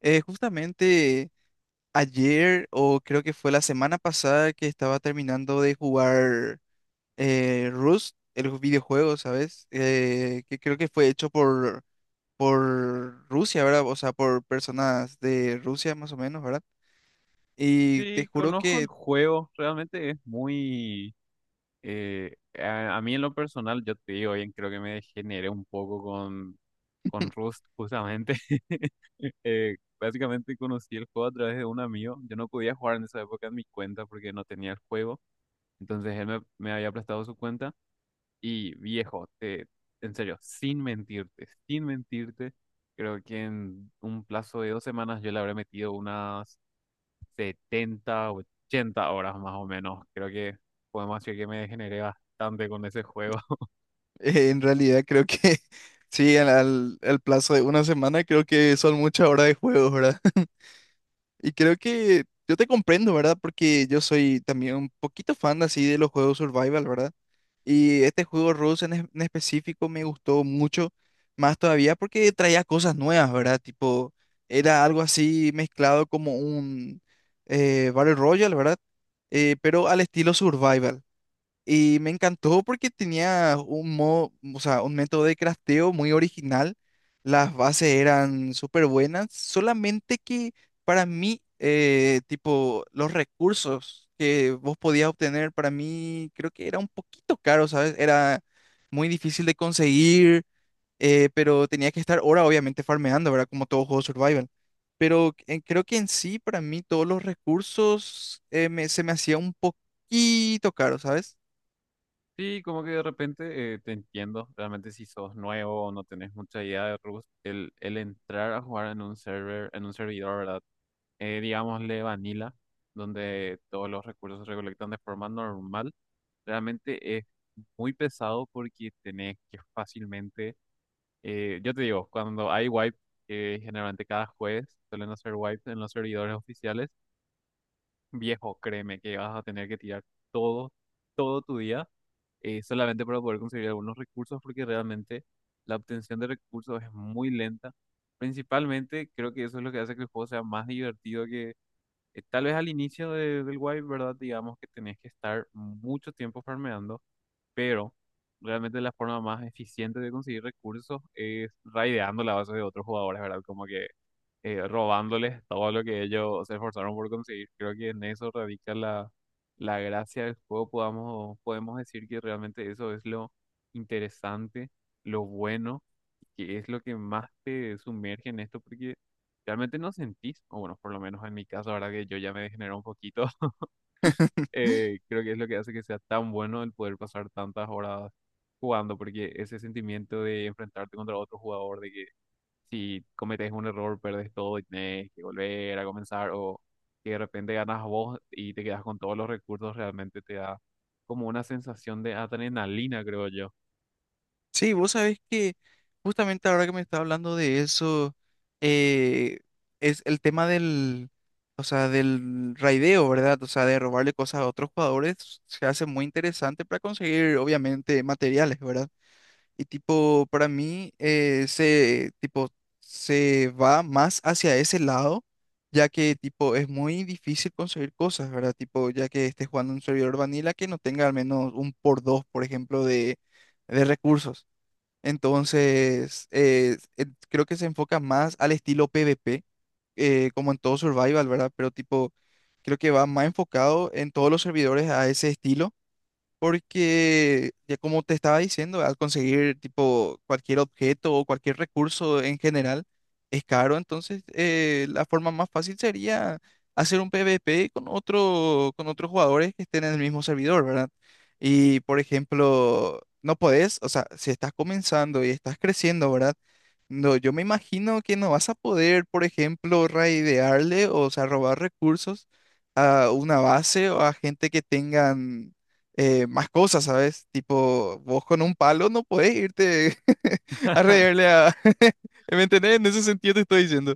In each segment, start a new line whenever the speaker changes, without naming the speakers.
Justamente ayer, o creo que fue la semana pasada, que estaba terminando de jugar Rust, el videojuego, ¿sabes? Que creo que fue hecho por Rusia, ¿verdad? O sea, por personas de Rusia, más o menos, ¿verdad? Y te
Sí,
juro
conozco el
que
juego, realmente es muy. A mí en lo personal, yo te digo, bien, creo que me degeneré un poco con Rust, justamente. Básicamente conocí el juego a través de un amigo. Yo no podía jugar en esa época en mi cuenta porque no tenía el juego. Entonces él me había prestado su cuenta y viejo, en serio, sin mentirte, sin mentirte, creo que en un plazo de 2 semanas yo le habré metido unas 70, 80 horas más o menos. Creo que podemos decir que me degeneré bastante con ese juego.
en realidad creo que sí, al plazo de una semana creo que son muchas horas de juego, ¿verdad? Y creo que yo te comprendo, ¿verdad? Porque yo soy también un poquito fan así de los juegos survival, ¿verdad? Y este juego Rust en específico me gustó mucho, más todavía porque traía cosas nuevas, ¿verdad? Tipo, era algo así mezclado como un Battle Royale, ¿verdad? Pero al estilo survival. Y me encantó porque tenía un modo, o sea, un método de crafteo muy original. Las bases eran súper buenas, solamente que para mí, tipo, los recursos que vos podías obtener, para mí creo que era un poquito caro, ¿sabes? Era muy difícil de conseguir, pero tenía que estar ahora obviamente farmeando, ¿verdad? Como todo juego survival. Pero creo que en sí, para mí, todos los recursos se me hacía un poquito caro, ¿sabes?
Sí, como que de repente te entiendo, realmente si sos nuevo o no tenés mucha idea de Rust, el entrar a jugar en un server, en un servidor, ¿verdad? Digámosle vanilla, donde todos los recursos se recolectan de forma normal, realmente es muy pesado porque tenés que fácilmente. Yo te digo, cuando hay wipe, generalmente cada jueves suelen hacer wipes en los servidores oficiales. Viejo, créeme que vas a tener que tirar todo, todo tu día solamente para poder conseguir algunos recursos porque realmente la obtención de recursos es muy lenta. Principalmente creo que eso es lo que hace que el juego sea más divertido que tal vez al inicio del wipe, ¿verdad? Digamos que tenés que estar mucho tiempo farmeando, pero realmente la forma más eficiente de conseguir recursos es raideando la base de otros jugadores, ¿verdad? Como que robándoles todo lo que ellos se esforzaron por conseguir. Creo que en eso radica la gracia del juego. Podemos decir que realmente eso es lo interesante, lo bueno, que es lo que más te sumerge en esto, porque realmente no sentís, o bueno, por lo menos en mi caso, ahora que yo ya me degeneré un poquito creo que es lo que hace que sea tan bueno el poder pasar tantas horas jugando, porque ese sentimiento de enfrentarte contra otro jugador, de que si cometes un error, perdes todo y tenés que volver a comenzar, o que de repente ganas vos y te quedas con todos los recursos, realmente te da como una sensación de adrenalina, creo yo.
Sí, vos sabés que justamente ahora que me está hablando de eso, eh, es el tema del, o sea, del raideo, ¿verdad? O sea, de robarle cosas a otros jugadores, se hace muy interesante para conseguir, obviamente, materiales, ¿verdad? Y tipo, para mí, se, tipo, se va más hacia ese lado, ya que, tipo, es muy difícil conseguir cosas, ¿verdad? Tipo, ya que estés jugando un servidor vanilla que no tenga al menos un por dos, por ejemplo, de recursos. Entonces, creo que se enfoca más al estilo PvP, como en todo Survival, ¿verdad? Pero tipo, creo que va más enfocado en todos los servidores a ese estilo. Porque, ya como te estaba diciendo, al conseguir tipo cualquier objeto o cualquier recurso en general es caro, entonces la forma más fácil sería hacer un PvP con otro, con otros jugadores que estén en el mismo servidor, ¿verdad? Y por ejemplo, no podés, o sea, si estás comenzando y estás creciendo, ¿verdad? No, yo me imagino que no vas a poder, por ejemplo, raidearle, o sea, robar recursos a una base o a gente que tengan más cosas, ¿sabes? Tipo, vos con un palo no podés irte a reírle a... ¿Me entendés? En ese sentido te estoy diciendo.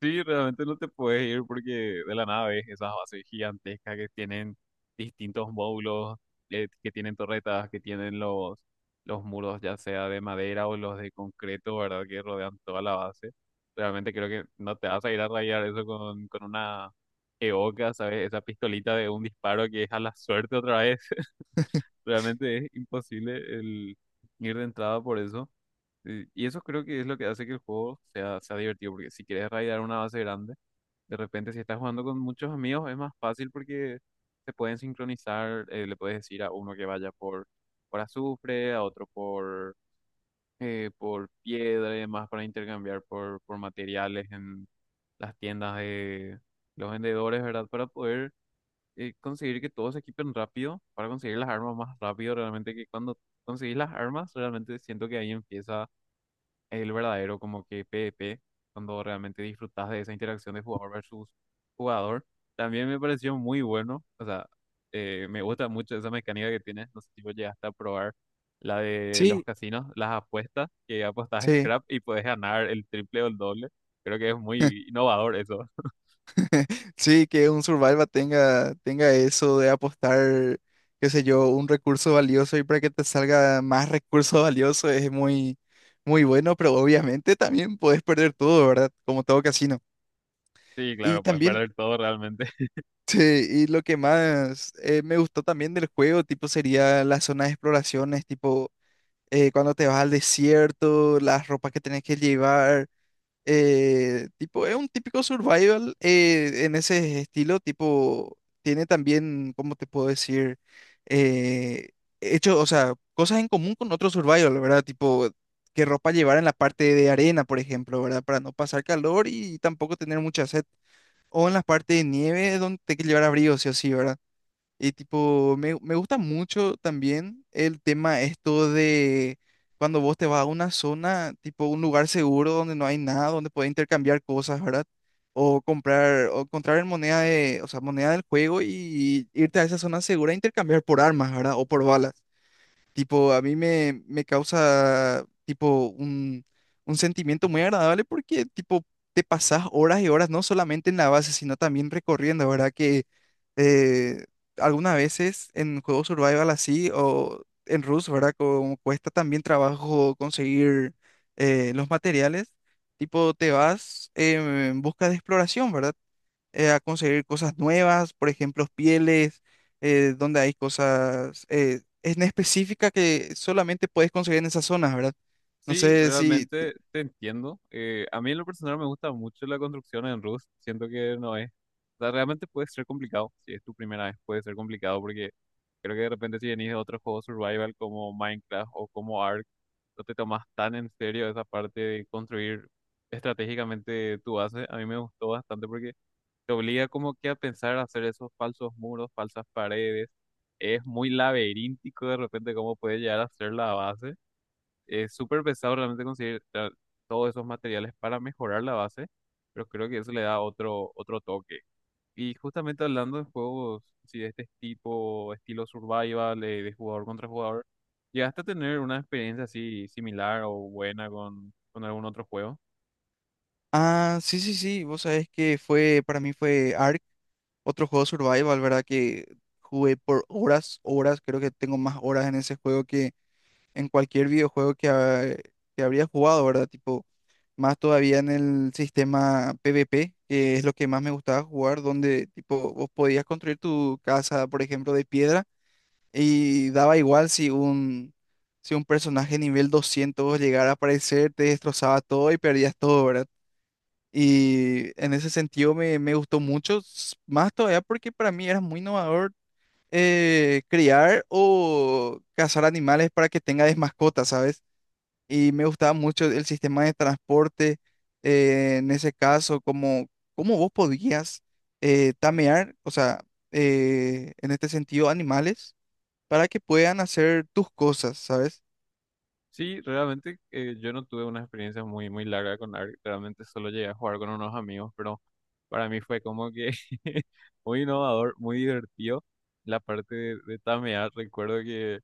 Sí, realmente no te puedes ir porque de la nada ves esas bases gigantescas que tienen distintos módulos, que tienen torretas, que tienen los muros ya sea de madera o los de concreto, ¿verdad? Que rodean toda la base. Realmente creo que no te vas a ir a rayar eso con una EOKA, ¿sabes? Esa pistolita de un disparo que es a la suerte otra vez. Realmente es imposible el ir de entrada por eso. Y eso creo que es lo que hace que el juego sea divertido, porque si quieres raidar una base grande, de repente si estás jugando con muchos amigos es más fácil porque se pueden sincronizar, le puedes decir a uno que vaya por, azufre, a otro por piedra y demás para intercambiar por materiales en las tiendas de los vendedores, ¿verdad? Para poder conseguir que todos se equipen rápido, para conseguir las armas más rápido, realmente que cuando conseguís las armas, realmente siento que ahí empieza el verdadero como que PvP, cuando realmente disfrutas de esa interacción de jugador versus jugador. También me pareció muy bueno, o sea, me gusta mucho esa mecánica que tienes, no sé si vos llegaste a probar la de los
Sí.
casinos, las apuestas, que apostas
Sí,
scrap y puedes ganar el triple o el doble. Creo que es muy innovador eso.
sí, que un survival tenga, tenga eso de apostar, qué sé yo, un recurso valioso y para que te salga más recurso valioso es muy, muy bueno, pero obviamente también puedes perder todo, ¿verdad? Como todo casino.
Sí,
Y
claro, puedes
también,
perder todo realmente.
sí, y lo que más me gustó también del juego, tipo, sería las zonas de exploraciones, tipo... cuando te vas al desierto, las ropas que tenés que llevar. Tipo, es un típico survival en ese estilo, tipo, tiene también, ¿cómo te puedo decir? Eh, Hecho, o sea, cosas en común con otro survival, ¿verdad? Tipo, qué ropa llevar en la parte de arena, por ejemplo, ¿verdad? Para no pasar calor y tampoco tener mucha sed. O en la parte de nieve, donde te que llevar abrigo, sí o sí, ¿verdad? Y tipo, me gusta mucho también el tema esto de cuando vos te vas a una zona, tipo un lugar seguro donde no hay nada, donde puedes intercambiar cosas, ¿verdad? O comprar en moneda de, o sea, moneda del juego y, irte a esa zona segura e intercambiar por armas, ¿verdad? O por balas. Tipo, me causa, tipo, un sentimiento muy agradable porque, tipo, te pasás horas y horas, no solamente en la base, sino también recorriendo, ¿verdad? Que eh, algunas veces en juegos survival así o en Rust, ¿verdad? Como cuesta también trabajo conseguir los materiales, tipo, te vas en busca de exploración, ¿verdad? A conseguir cosas nuevas, por ejemplo, pieles, donde hay cosas en específica que solamente puedes conseguir en esas zonas, ¿verdad? No
Sí,
sé si...
realmente te entiendo. A mí en lo personal me gusta mucho la construcción en Rust. Siento que no es. O sea, realmente puede ser complicado. Si es tu primera vez, puede ser complicado porque creo que de repente si venís de otros juegos survival como Minecraft o como Ark, no te tomas tan en serio esa parte de construir estratégicamente tu base. A mí me gustó bastante porque te obliga como que a pensar a hacer esos falsos muros, falsas paredes. Es muy laberíntico de repente cómo puede llegar a ser la base. Es súper pesado realmente conseguir todos esos materiales para mejorar la base, pero creo que eso le da otro toque. Y justamente hablando de juegos así de este tipo, estilo survival, jugador contra jugador, ¿llegaste a tener una experiencia así similar o buena con algún otro juego?
Ah, sí, sí, sí, vos sabés que fue, para mí fue Ark, otro juego survival, ¿verdad? Que jugué por horas, horas, creo que tengo más horas en ese juego en cualquier videojuego que, que habría jugado, ¿verdad? Tipo, más todavía en el sistema PvP, que es lo que más me gustaba jugar, donde tipo vos podías construir tu casa, por ejemplo, de piedra y daba igual si un si un personaje nivel 200 llegara a aparecer, te destrozaba todo y perdías todo, ¿verdad? Y en ese sentido me gustó mucho, más todavía porque para mí era muy innovador criar o cazar animales para que tengas mascotas, ¿sabes? Y me gustaba mucho el sistema de transporte en ese caso, como cómo vos podías tamear, o sea, en este sentido, animales para que puedan hacer tus cosas, ¿sabes?
Sí, realmente yo no tuve una experiencia muy, muy larga con ARK, realmente solo llegué a jugar con unos amigos, pero para mí fue como que muy innovador, muy divertido. La parte de tamear, recuerdo que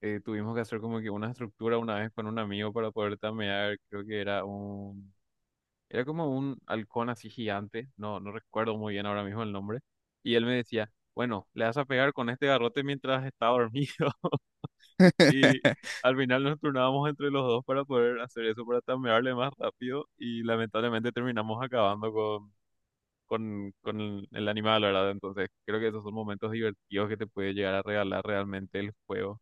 tuvimos que hacer como que una estructura una vez con un amigo para poder tamear, creo que era como un halcón así gigante, no, no recuerdo muy bien ahora mismo el nombre, y él me decía, bueno, le vas a pegar con este garrote mientras está dormido. Y al final nos turnábamos entre los dos para poder hacer eso, para tamearle más rápido. Y lamentablemente terminamos acabando con el animal, ¿verdad? Entonces creo que esos son momentos divertidos que te puede llegar a regalar realmente el juego.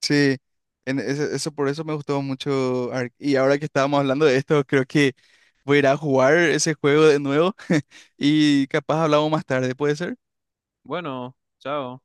Sí, eso, por eso me gustó mucho. Ark. Y ahora que estábamos hablando de esto, creo que voy a ir a jugar ese juego de nuevo y capaz hablamos más tarde, ¿puede ser?
Bueno, chao.